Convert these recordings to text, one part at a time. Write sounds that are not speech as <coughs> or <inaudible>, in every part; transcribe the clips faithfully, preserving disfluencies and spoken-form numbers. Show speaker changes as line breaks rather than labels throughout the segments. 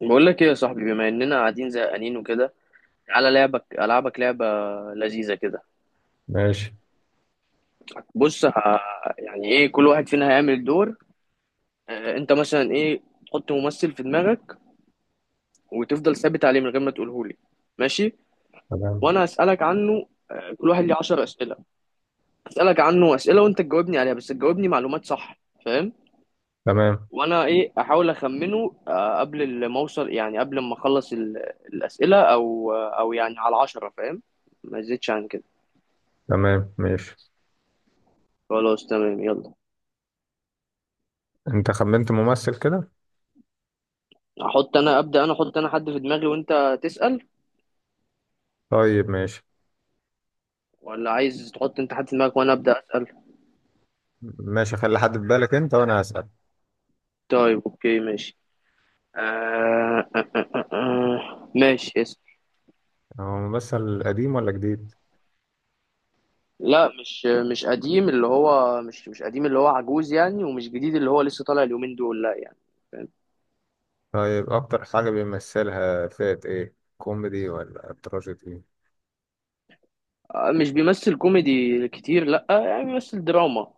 بقول لك ايه يا صاحبي، بما اننا قاعدين زهقانين وكده، على لعبك العبك لعبه لذيذه كده.
ماشي.
بص ه- يعني ايه، كل واحد فينا هيعمل دور. آه، انت مثلا ايه؟ تحط ممثل في دماغك وتفضل ثابت عليه من غير ما تقوله لي. ماشي،
تمام
وانا هسالك عنه. كل واحد ليه عشرة اسئله. هسالك عنه اسئله وانت تجاوبني عليها، بس تجاوبني معلومات صح، فاهم؟
تمام
وانا ايه، احاول اخمنه، آه، قبل ما اوصل، يعني قبل ما اخلص ال- الاسئله، او آه، او يعني على عشرة، فاهم؟ ما زيدش عن كده.
تمام ماشي.
خلاص، تمام، يلا.
انت خمنت ممثل كده؟
احط انا، ابدا انا احط انا حد في دماغي وانت تسال،
طيب ماشي.
ولا عايز تحط انت حد في دماغك وانا ابدا اسال؟
ماشي، خلي حد في بالك انت وانا هسأل.
طيب اوكي ماشي. آه آه آه آه آه. ماشي، اسال.
هو ممثل قديم ولا جديد؟
لا، مش مش قديم اللي هو مش مش قديم اللي هو عجوز يعني، ومش جديد اللي هو لسه طالع اليومين دول، لا يعني.
طيب اكتر حاجة بيمثلها فئة ايه، كوميدي ولا تراجيدي؟
آه، مش بيمثل كوميدي كتير، لا، آه، يعني بيمثل دراما.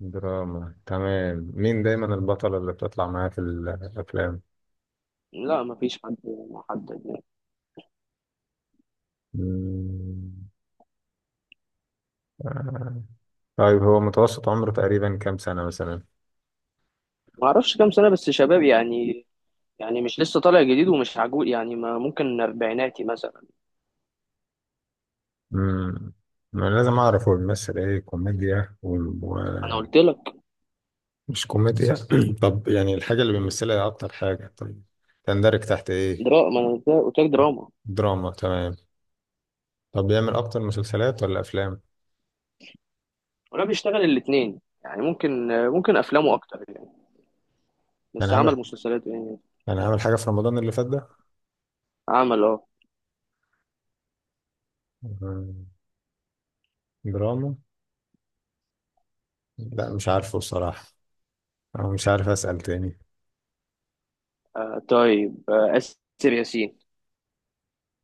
دراما، تمام. مين دايما البطلة اللي بتطلع معاه في الافلام؟
لا، مفيش حد محدد يعني.
مم. آه. طيب هو متوسط عمره تقريبا كام سنة مثلا؟
ما اعرفش كام سنة، بس شباب يعني. يعني مش لسه طالع جديد، ومش عجوز يعني، ما ممكن اربعيناتي مثلا.
امم ما أنا لازم اعرف هو بيمثل ايه، كوميديا و...
انا قلت لك
مش كوميديا. <clears throat> طب يعني الحاجة اللي بيمثلها هي أكتر حاجة، طب تندرج تحت إيه؟
دراما، ما انا قلت لك دراما.
دراما، تمام. طب بيعمل أكتر مسلسلات ولا أفلام؟
ولا بيشتغل الاثنين يعني، ممكن ممكن افلامه اكتر يعني،
يعني
بس
عامل،
عمل مسلسلات يعني.
يعني عامل حاجة في رمضان اللي فات ده؟
عمل، اه.
مم، دراما؟ لا مش عارفه بصراحة، أو مش عارف. أسأل تاني.
آه، طيب، آه، اسر ياسين.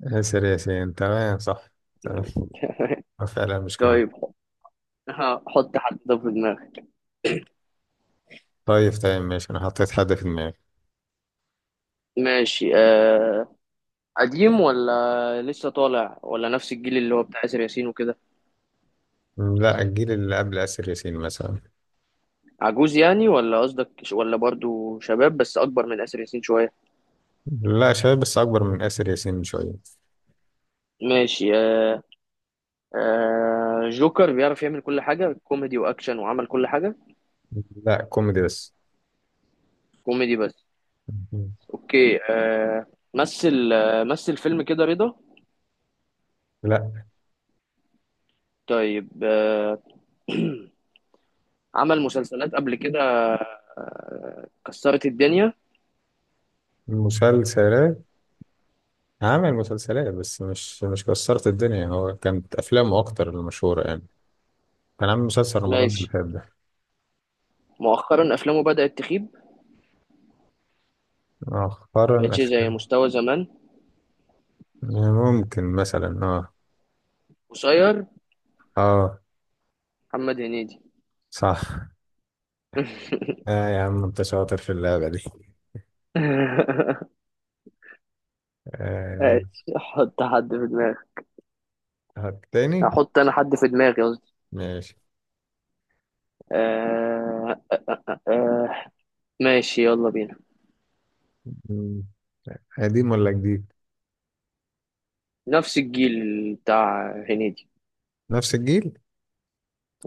آسر ياسين، تمام صح. تمام. <laughs> آه، فعلا مش كوميدي.
طيب <laughs> ح- حط حد ده في دماغك.
طيب تمام، ماشي. أنا حطيت حد في دماغي.
ماشي، آه. قديم ولا لسه طالع ولا نفس الجيل اللي هو بتاع آسر ياسين وكده؟
مم، لا الجيل اللي قبل آسر ياسين مثلا.
عجوز يعني، ولا قصدك ش- ولا برضو شباب بس أكبر من آسر ياسين شوية؟
لا شباب بس أكبر من آسر ياسين بشوية.
ماشي، آه. آه، جوكر بيعرف يعمل كل حاجة، كوميدي وأكشن، وعمل كل حاجة.
لا كوميدي بس.
كوميدي بس.
مم.
اوكي، آه. مثل، آه، مثل فيلم كده رضا.
لا،
طيب، آه. <clears throat> عمل مسلسلات قبل كده، آه، كسرت الدنيا.
مسلسلات. عامل مسلسلات بس مش مش كسرت الدنيا، هو كانت افلامه اكتر المشهوره يعني. كان عامل مسلسل رمضان اللي
ماشي،
فات ده.
مؤخرا افلامه بدأت تخيب،
مؤخرا
مبقتش زي
افلام.
مستوى زمان.
ممكن مثلا اه.
قصير.
اه
محمد هنيدي.
صح.
<laughs>
اه يا عم انت شاطر في اللعبه دي. آه.
ماشي، حط حد في دماغي.
هات تاني.
هحط انا حد في دماغي قصدي.
ماشي.
آه. آه. ماشي، يلا بينا.
مم. قديم ولا جديد؟
نفس الجيل بتاع هنيدي.
نفس الجيل.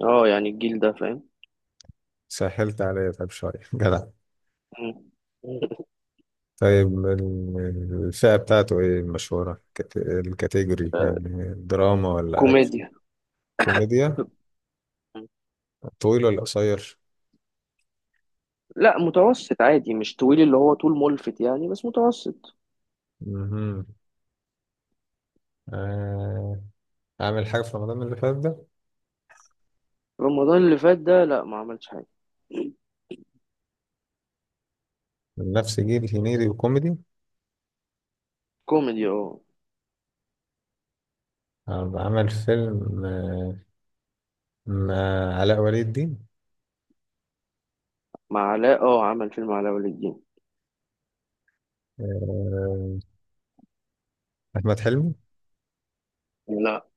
اه يعني الجيل ده، فاهم.
سهلت عليا طيب شويه. <laughs> جدع. طيب ال- الفئه بتاعته ايه المشهوره، كت- الكاتيجوري يعني،
<laughs>
دراما ولا اكشن؟
كوميديا.
كوميديا. طويل ولا قصير؟
لا، متوسط عادي، مش طويل اللي هو طول ملفت يعني، بس متوسط.
مهم. آه، عامل حاجة في رمضان اللي فات ده؟
رمضان اللي فات ده لا، ما عملش حاجة.
من نفس جيل هنيدي وكوميدي.
كوميدي، اه.
آه، عمل فيلم آه، مع علاء ولي الدين.
مع علاء، اه، عمل فيلم علاء ولي الدين.
آه، أحمد حلمي؟
لا.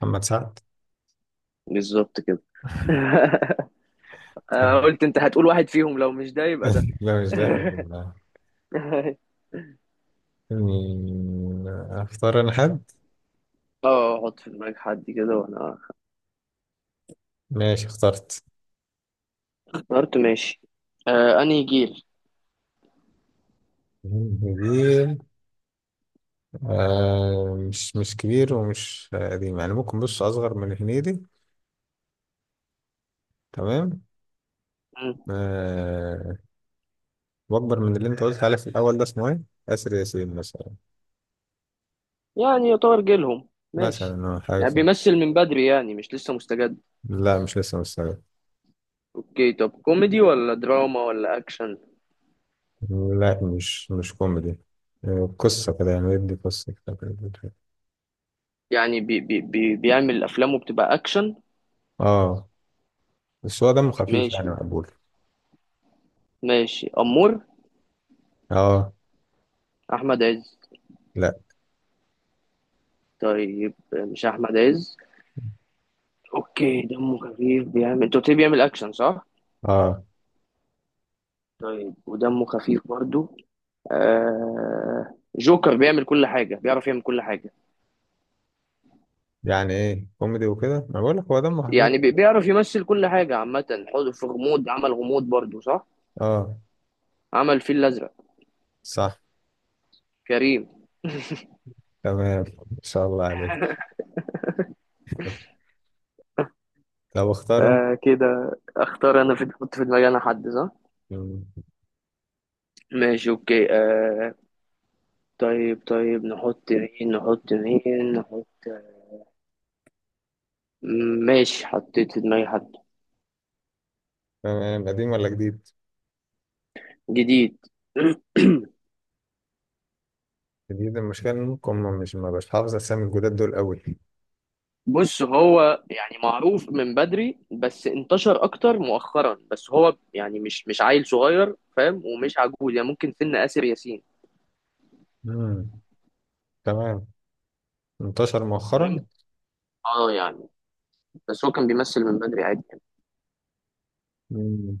محمد سعد.
بالظبط كده. <laughs> أنا
هاي.
قلت انت هتقول واحد فيهم، لو مش ده يبقى ده.
<laughs> لا مش ده
<laughs>
بالله. مين اختار، انا حد؟
اه، حط في دماغك حد كده وانا.
ماشي، اخترت.
اخترت، ماشي. آه، انهي جيل؟
كبير؟ آه مش مش كبير ومش قديم يعني، ممكن بص اصغر من هنيدي. تمام.
مم.
آه، واكبر من اللي انت قلت عليه في الاول ده، اسمه ايه، اسر ياسين مثلا.
يعني يعتبر جيلهم، ماشي.
مثلا أو حاجه
يعني
كده.
بيمثل من بدري يعني، مش لسه مستجد.
لا مش لسه مستعد.
اوكي، طب كوميدي ولا دراما ولا اكشن؟
لا مش مش كوميدي. آه، قصه كده يعني، يدي قصه كده كده كده.
يعني بي بي بي بيعمل افلامه بتبقى اكشن.
اه بس هو دمه خفيف يعني،
ماشي،
مقبول.
ماشي امور.
اه.
احمد عز.
لا.
طيب مش احمد عز. اوكي، دمه خفيف، بيعمل، انت قلت لي بيعمل اكشن صح؟
اه
طيب، ودمه خفيف برضو. آه، جوكر بيعمل كل حاجة، بيعرف يعمل كل حاجة.
يعني ايه، كوميدي وكده، ما بقول لك هو دمه خفيف.
يعني بي- بيعرف يمثل كل حاجة عامة. حوض في غموض، عمل غموض برضو صح؟
اه.
عمل فيل الأزرق.
صح.
كريم.
تمام، ما شاء الله عليك.
<laughs>
طب اختار انت.
آه كده، اختار انا، في احط في دماغي انا حد، صح؟
مم،
ماشي اوكي، آه. طيب طيب، نحط مين، نحط مين نحط. ماشي، حطيت في دماغي حد.
تمام. قديم ولا جديد؟
جديد. <clears throat>
جديد، المشكله انكم مش ما بش حافظ اسامي الجداد دول قوي.
بص، هو يعني معروف من بدري، بس انتشر اكتر مؤخرا. بس هو يعني مش مش عيل صغير فاهم، ومش عجوز يعني، ممكن سن آسر ياسين،
امم. تمام، انتشر
فاهم.
مؤخرا.
اه يعني، بس هو كان بيمثل من بدري عادي يعني.
مم.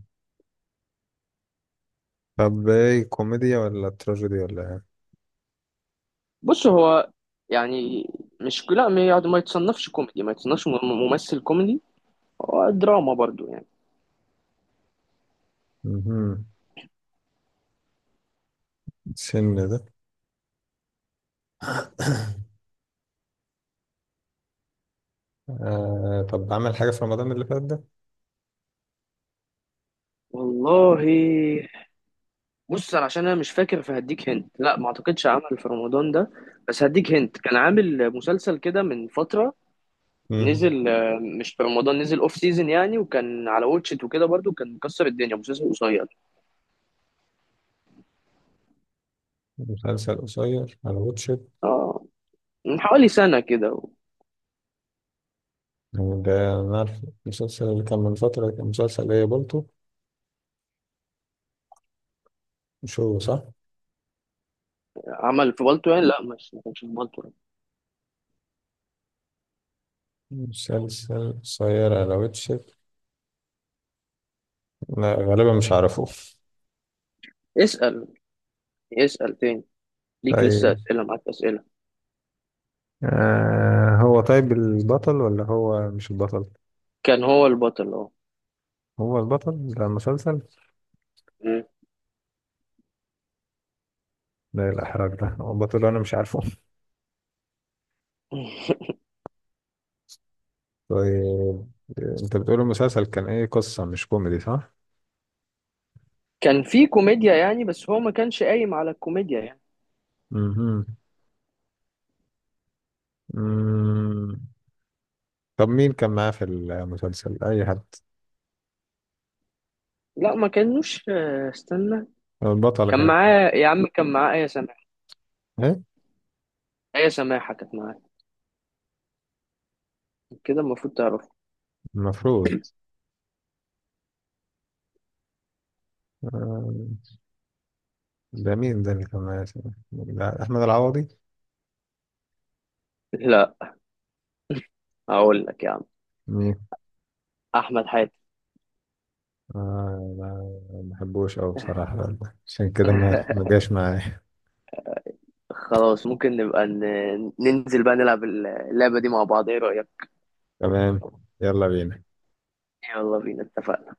طب ايه، كوميديا ولا تراجيدي ولا ايه؟
بص هو يعني، مش، لا ما يعني، ما يتصنفش كوميدي، ما يتصنفش ممثل كوميدي. هو دراما برضو يعني.
مهم. السن ده. <coughs> آه طب عمل حاجة في رمضان اللي فات ده؟
والله، بص أنا عشان انا مش فاكر، فهديك هنت لا، ما اعتقدش عمل في رمضان ده. بس هديك هنت كان عامل مسلسل كده من فترة.
مم.
نزل، آه، مش في رمضان، نزل اوف سيزون يعني، وكان على واتشت وكده برضو، كان مكسر الدنيا. مسلسل قصير،
مسلسل قصير على واتشت،
اه، من حوالي سنة كده.
ده أنا عارف. المسلسل اللي كان من فترة كان مسلسل ايه، بولتو، مش هو؟ صح،
عمل في بالطو يعني؟ لا، مش، ما كانش في بالطو.
مسلسل قصير على واتشت. لا غالبا مش عارفه.
اسأل، اسأل تاني، ليك لسه
طيب
أسئلة، معاك أسئلة.
آه هو طيب البطل ولا هو مش البطل؟
كان هو البطل، اه.
هو البطل بتاع المسلسل؟
مم.
ده الإحراج، ده بطل أنا مش عارفه. طيب أنت بتقول المسلسل كان إيه، قصة، مش كوميدي صح؟
كان في كوميديا يعني، بس هو ما كانش قايم على الكوميديا يعني.
مهم. مم. طب مين كان معاه في المسلسل؟ أي حد.
لا، ما كانوش، آه، استنى.
البطلة
كان
كانت
معاه يا عم، كان معاه ايه سماحة.
إيه؟
ايه سماحة كانت معاه، كده المفروض تعرف.
المفروض. آه، ده مين ده اللي كان معاه؟ لا، أحمد العوضي؟
لا. هقول لك يا عم،
مين؟
احمد حاتم.
آه لا، ما بحبوش أوي بصراحة، عشان كده ما ما
<laughs>
جاش معايا.
خلاص، ممكن نبقى ن... ننزل بقى نلعب اللعبة دي مع بعض، ايه رأيك؟
تمام، يلا بينا.
يلا بينا، اتفقنا.